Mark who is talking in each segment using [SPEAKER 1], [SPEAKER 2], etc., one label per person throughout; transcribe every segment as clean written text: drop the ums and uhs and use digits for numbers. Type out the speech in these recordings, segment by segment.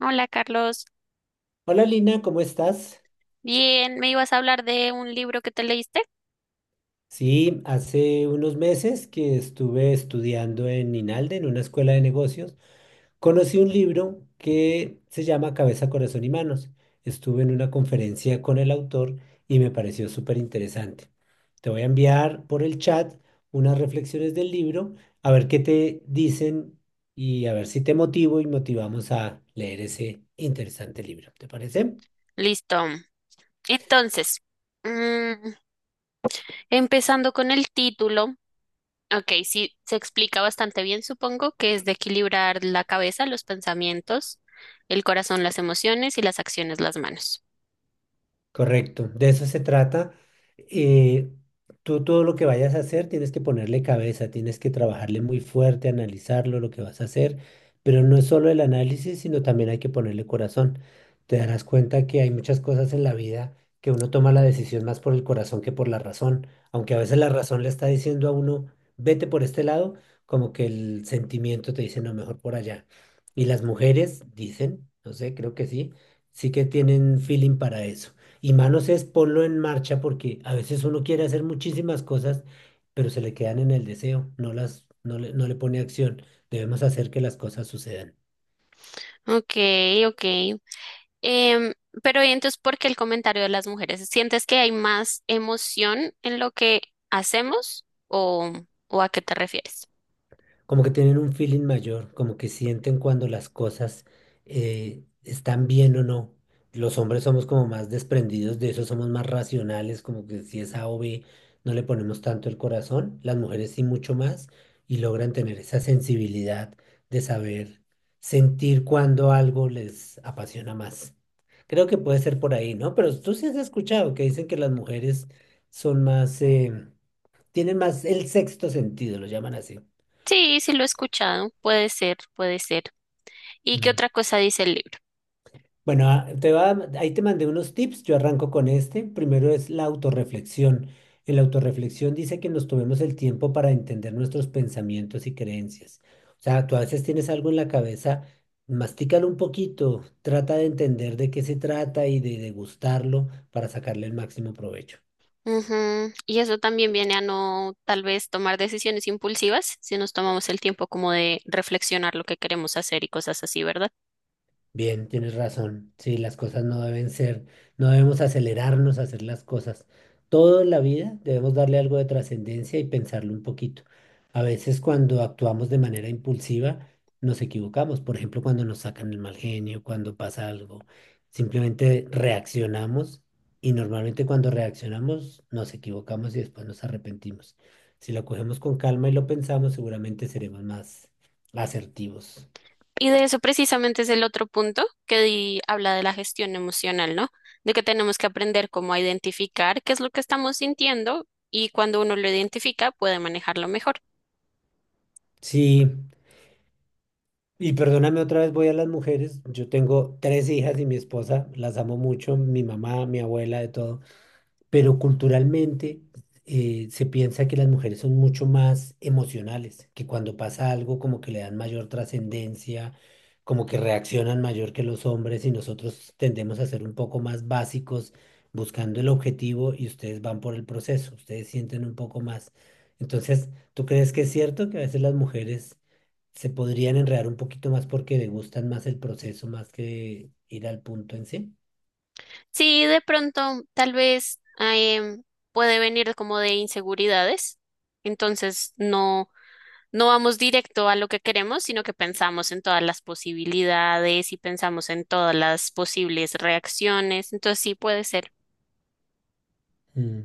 [SPEAKER 1] Hola Carlos,
[SPEAKER 2] Hola Lina, ¿cómo estás?
[SPEAKER 1] bien, ¿me ibas a hablar de un libro que te leíste?
[SPEAKER 2] Sí, hace unos meses que estuve estudiando en INALDE, en una escuela de negocios, conocí un libro que se llama Cabeza, Corazón y Manos. Estuve en una conferencia con el autor y me pareció súper interesante. Te voy a enviar por el chat unas reflexiones del libro, a ver qué te dicen y a ver si te motivo y motivamos a leer ese interesante libro. ¿Te parece?
[SPEAKER 1] Listo. Entonces, mm, empezando con el título, ok, sí, se explica bastante bien, supongo, que es de equilibrar la cabeza, los pensamientos, el corazón, las emociones y las acciones, las manos.
[SPEAKER 2] Correcto, de eso se trata. Eh, tú todo lo que vayas a hacer tienes que ponerle cabeza, tienes que trabajarle muy fuerte, analizarlo, lo que vas a hacer, pero no es solo el análisis, sino también hay que ponerle corazón. Te darás cuenta que hay muchas cosas en la vida que uno toma la decisión más por el corazón que por la razón, aunque a veces la razón le está diciendo a uno, vete por este lado, como que el sentimiento te dice, no, mejor por allá. Y las mujeres dicen, no sé, creo que sí, sí que tienen feeling para eso. Y manos es ponlo en marcha porque a veces uno quiere hacer muchísimas cosas, pero se le quedan en el deseo, no le pone acción. Debemos hacer que las cosas sucedan.
[SPEAKER 1] Ok, ok. Em, pero ¿y entonces, ¿por qué el comentario de las mujeres? ¿Sientes que hay más emoción en lo que hacemos o a qué te refieres?
[SPEAKER 2] Como que tienen un feeling mayor, como que sienten cuando las cosas están bien o no. Los hombres somos como más desprendidos de eso, somos más racionales, como que si es A o B, no le ponemos tanto el corazón. Las mujeres sí mucho más y logran tener esa sensibilidad de saber sentir cuando algo les apasiona más. Creo que puede ser por ahí, ¿no? Pero tú sí has escuchado que dicen que las mujeres son más, tienen más el sexto sentido, lo llaman así.
[SPEAKER 1] Sí, sí lo he escuchado. Puede ser, puede ser. ¿Y qué otra cosa dice el libro?
[SPEAKER 2] Bueno, ahí te mandé unos tips, yo arranco con este. Primero es la autorreflexión. En la autorreflexión dice que nos tomemos el tiempo para entender nuestros pensamientos y creencias. O sea, tú a veces tienes algo en la cabeza, mastícalo un poquito, trata de entender de qué se trata y de degustarlo para sacarle el máximo provecho.
[SPEAKER 1] Ujú. Y eso también viene a no tal vez tomar decisiones impulsivas si nos tomamos el tiempo como de reflexionar lo que queremos hacer y cosas así, ¿verdad?
[SPEAKER 2] Bien, tienes razón. Sí, las cosas no deben ser, no debemos acelerarnos a hacer las cosas. Toda la vida debemos darle algo de trascendencia y pensarlo un poquito. A veces cuando actuamos de manera impulsiva nos equivocamos. Por ejemplo, cuando nos sacan el mal genio, cuando pasa algo, simplemente reaccionamos y normalmente cuando reaccionamos nos equivocamos y después nos arrepentimos. Si lo cogemos con calma y lo pensamos, seguramente seremos más asertivos.
[SPEAKER 1] Y de eso precisamente es el otro punto habla de la gestión emocional, ¿no? De que tenemos que aprender cómo a identificar qué es lo que estamos sintiendo y cuando uno lo identifica puede manejarlo mejor.
[SPEAKER 2] Sí. Y perdóname otra vez, voy a las mujeres. Yo tengo tres hijas y mi esposa, las amo mucho, mi mamá, mi abuela, de todo, pero culturalmente se piensa que las mujeres son mucho más emocionales, que cuando pasa algo como que le dan mayor trascendencia, como que reaccionan mayor que los hombres y nosotros tendemos a ser un poco más básicos buscando el objetivo, y ustedes van por el proceso, ustedes sienten un poco más. Entonces, ¿tú crees que es cierto que a veces las mujeres se podrían enredar un poquito más porque le gustan más el proceso más que ir al punto en sí?
[SPEAKER 1] Sí, de pronto tal vez puede venir como de inseguridades, entonces no vamos directo a lo que queremos, sino que pensamos en todas las posibilidades y pensamos en todas las posibles reacciones, entonces sí puede ser.
[SPEAKER 2] Mm.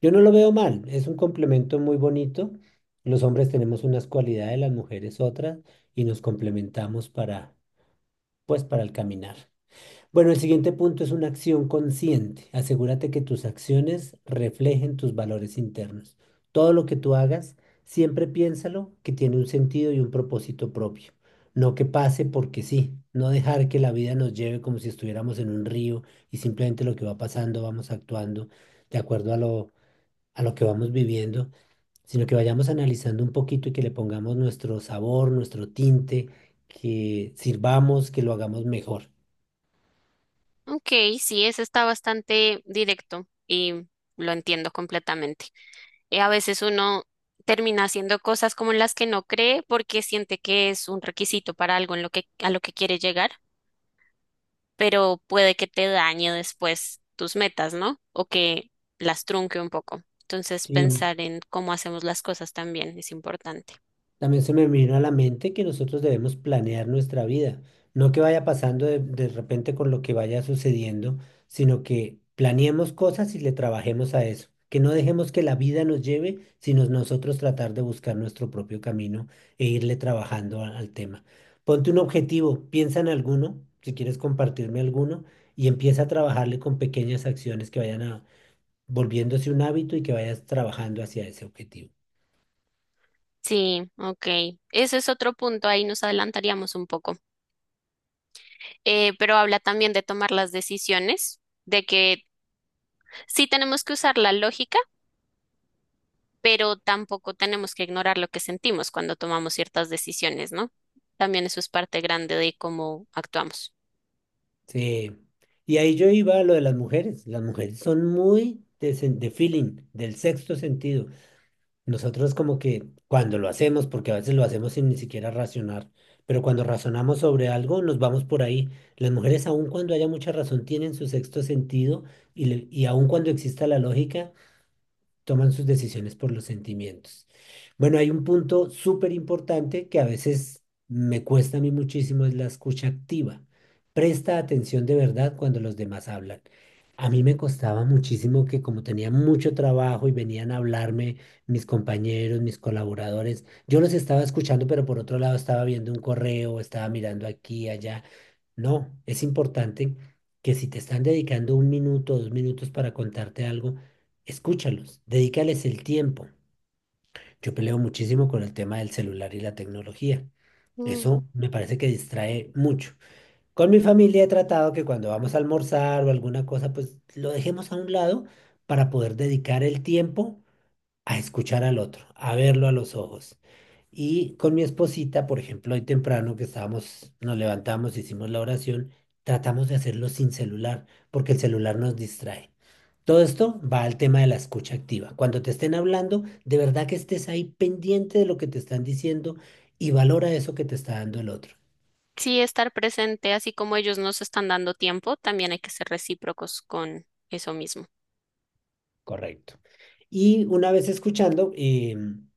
[SPEAKER 2] Yo no lo veo mal, es un complemento muy bonito. Los hombres tenemos unas cualidades, las mujeres otras, y nos complementamos para, pues, para el caminar. Bueno, el siguiente punto es una acción consciente. Asegúrate que tus acciones reflejen tus valores internos. Todo lo que tú hagas, siempre piénsalo que tiene un sentido y un propósito propio. No que pase porque sí. No dejar que la vida nos lleve como si estuviéramos en un río y simplemente lo que va pasando vamos actuando de acuerdo a lo que vamos viviendo, sino que vayamos analizando un poquito y que le pongamos nuestro sabor, nuestro tinte, que sirvamos, que lo hagamos mejor.
[SPEAKER 1] Ok, sí, eso está bastante directo y lo entiendo completamente. A veces uno termina haciendo cosas como en las que no cree porque siente que es un requisito para algo en a lo que quiere llegar, pero puede que te dañe después tus metas, ¿no? O que las trunque un poco. Entonces,
[SPEAKER 2] Sí,
[SPEAKER 1] pensar en cómo hacemos las cosas también es importante.
[SPEAKER 2] también se me vino a la mente que nosotros debemos planear nuestra vida, no que vaya pasando de repente con lo que vaya sucediendo, sino que planeemos cosas y le trabajemos a eso, que no dejemos que la vida nos lleve, sino nosotros tratar de buscar nuestro propio camino e irle trabajando al tema. Ponte un objetivo, piensa en alguno, si quieres compartirme alguno, y empieza a trabajarle con pequeñas acciones que vayan a, volviéndose un hábito y que vayas trabajando hacia ese objetivo.
[SPEAKER 1] Sí, ok. Ese es otro punto, ahí nos adelantaríamos un poco. Pero habla también de tomar las decisiones de que sí tenemos que usar la lógica, pero tampoco tenemos que ignorar lo que sentimos cuando tomamos ciertas decisiones, ¿no? También eso es parte grande de cómo actuamos.
[SPEAKER 2] Sí. Y ahí yo iba a lo de las mujeres. Las mujeres son muy de, de feeling, del sexto sentido. Nosotros como que cuando lo hacemos, porque a veces lo hacemos sin ni siquiera racionar, pero cuando razonamos sobre algo nos vamos por ahí. Las mujeres aun cuando haya mucha razón tienen su sexto sentido y, y aun cuando exista la lógica toman sus decisiones por los sentimientos. Bueno, hay un punto súper importante que a veces me cuesta a mí muchísimo, es la escucha activa. Presta atención de verdad cuando los demás hablan. A mí me costaba muchísimo que como tenía mucho trabajo y venían a hablarme mis compañeros, mis colaboradores, yo los estaba escuchando, pero por otro lado estaba viendo un correo, estaba mirando aquí, allá. No, es importante que si te están dedicando 1 minuto, 2 minutos para contarte algo, escúchalos, dedícales el tiempo. Yo peleo muchísimo con el tema del celular y la tecnología.
[SPEAKER 1] Mm.
[SPEAKER 2] Eso me parece que distrae mucho. Con mi familia he tratado que cuando vamos a almorzar o alguna cosa, pues lo dejemos a un lado para poder dedicar el tiempo a escuchar al otro, a verlo a los ojos. Y con mi esposita, por ejemplo, hoy temprano que estábamos, nos levantamos, hicimos la oración, tratamos de hacerlo sin celular, porque el celular nos distrae. Todo esto va al tema de la escucha activa. Cuando te estén hablando, de verdad que estés ahí pendiente de lo que te están diciendo y valora eso que te está dando el otro.
[SPEAKER 1] Sí, estar presente, así como ellos nos están dando tiempo, también hay que ser recíprocos con eso mismo.
[SPEAKER 2] Correcto. Y una vez escuchando,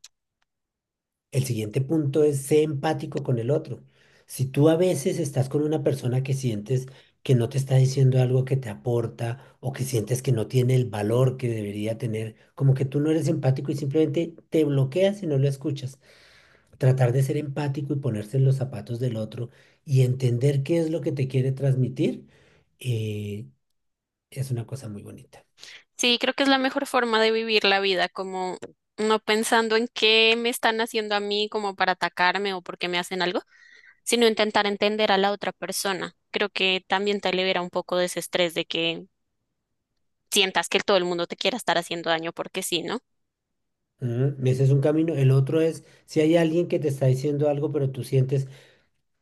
[SPEAKER 2] el siguiente punto es ser empático con el otro. Si tú a veces estás con una persona que sientes que no te está diciendo algo que te aporta o que sientes que no tiene el valor que debería tener, como que tú no eres empático y simplemente te bloqueas y no lo escuchas. Tratar de ser empático y ponerse en los zapatos del otro y entender qué es lo que te quiere transmitir, eh, es una cosa muy bonita.
[SPEAKER 1] Sí, creo que es la mejor forma de vivir la vida, como no pensando en qué me están haciendo a mí como para atacarme o por qué me hacen algo, sino intentar entender a la otra persona. Creo que también te libera un poco de ese estrés de que sientas que todo el mundo te quiera estar haciendo daño porque sí, ¿no?
[SPEAKER 2] Ujú, ese es un camino. El otro es si hay alguien que te está diciendo algo, pero tú sientes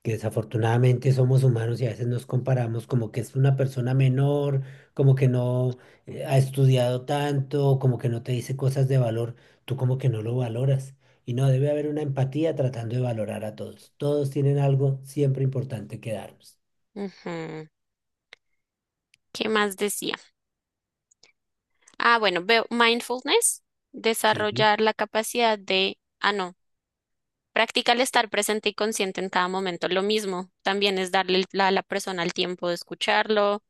[SPEAKER 2] que desafortunadamente somos humanos y a veces nos comparamos como que es una persona menor, como que no ha estudiado tanto, como que no te dice cosas de valor, tú como que no lo valoras. Y no, debe haber una empatía tratando de valorar a todos. Todos tienen algo siempre importante que darnos.
[SPEAKER 1] Ujú. ¿Qué más decía? Ah, bueno, veo mindfulness,
[SPEAKER 2] Sí,
[SPEAKER 1] desarrollar la capacidad de, ah, no, practicar el estar presente y consciente en cada momento. Lo mismo, también es darle a la persona el tiempo de escucharlo,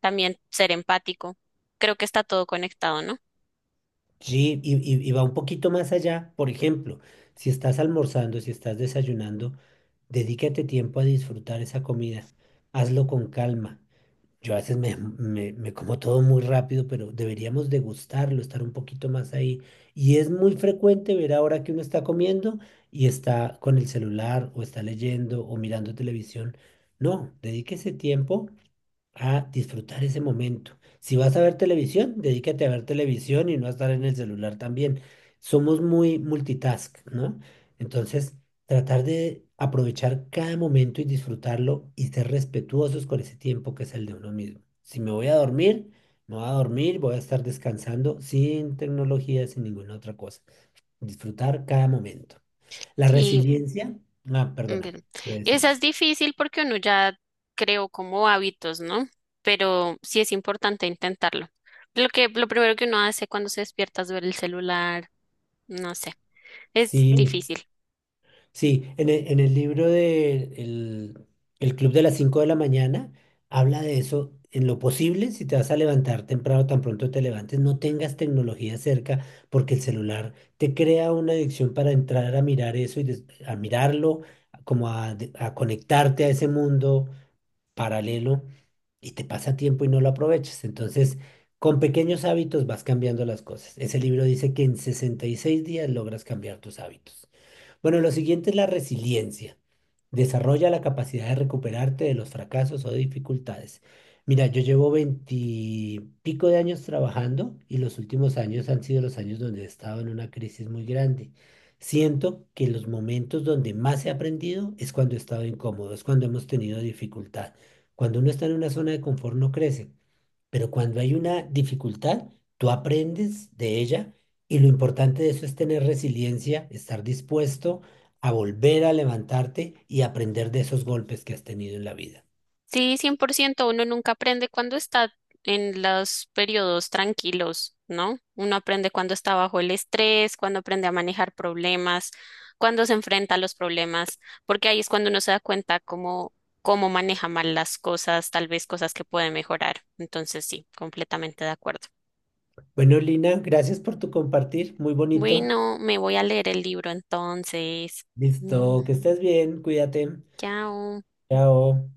[SPEAKER 1] también ser empático. Creo que está todo conectado, ¿no?
[SPEAKER 2] sí, y va un poquito más allá. Por ejemplo, si estás almorzando, si estás desayunando, dedícate tiempo a disfrutar esa comida. Hazlo con calma. Yo a veces me como todo muy rápido, pero deberíamos degustarlo, estar un poquito más ahí. Y es muy frecuente ver ahora que uno está comiendo y está con el celular o está leyendo o mirando televisión. No, dedíquese tiempo a disfrutar ese momento. Si vas a ver televisión, dedícate a ver televisión y no a estar en el celular también. Somos muy multitask, ¿no? Entonces, tratar de aprovechar cada momento y disfrutarlo y ser respetuosos con ese tiempo que es el de uno mismo. Si me voy a dormir, me voy a dormir, voy a estar descansando sin tecnología, sin ninguna otra cosa. Disfrutar cada momento. La
[SPEAKER 1] Sí,
[SPEAKER 2] resiliencia, ah, perdona,
[SPEAKER 1] ver.
[SPEAKER 2] ¿qué
[SPEAKER 1] Esa es
[SPEAKER 2] decías?
[SPEAKER 1] difícil porque uno ya creó como hábitos, ¿no? Pero sí es importante intentarlo. Lo primero que uno hace cuando se despierta es ver el celular, no sé, es
[SPEAKER 2] Sí,
[SPEAKER 1] difícil.
[SPEAKER 2] sí, en el libro de el Club de las 5 de la mañana habla de eso. En lo posible, si te vas a levantar temprano, tan pronto te levantes, no tengas tecnología cerca porque el celular te crea una adicción para entrar a mirar eso y a mirarlo, como a conectarte a ese mundo paralelo y te pasa tiempo y no lo aprovechas. Entonces, con pequeños hábitos vas cambiando las cosas. Ese libro dice que en 66 días logras cambiar tus hábitos. Bueno, lo siguiente es la resiliencia. Desarrolla la capacidad de recuperarte de los fracasos o dificultades. Mira, yo llevo veintipico de años trabajando y los últimos años han sido los años donde he estado en una crisis muy grande. Siento que los momentos donde más he aprendido es cuando he estado incómodo, es cuando hemos tenido dificultad. Cuando uno está en una zona de confort no crece. Pero cuando hay una dificultad, tú aprendes de ella y lo importante de eso es tener resiliencia, estar dispuesto a volver a levantarte y aprender de esos golpes que has tenido en la vida.
[SPEAKER 1] Sí, 100%. Uno nunca aprende cuando está en los periodos tranquilos, ¿no? Uno aprende cuando está bajo el estrés, cuando aprende a manejar problemas, cuando se enfrenta a los problemas, porque ahí es cuando uno se da cuenta cómo maneja mal las cosas, tal vez cosas que puede mejorar. Entonces, sí, completamente de acuerdo.
[SPEAKER 2] Bueno, Lina, gracias por tu compartir, muy bonito.
[SPEAKER 1] Bueno, me voy a leer el libro entonces. Mm,
[SPEAKER 2] Listo, que estés bien, cuídate.
[SPEAKER 1] chao.
[SPEAKER 2] Chao.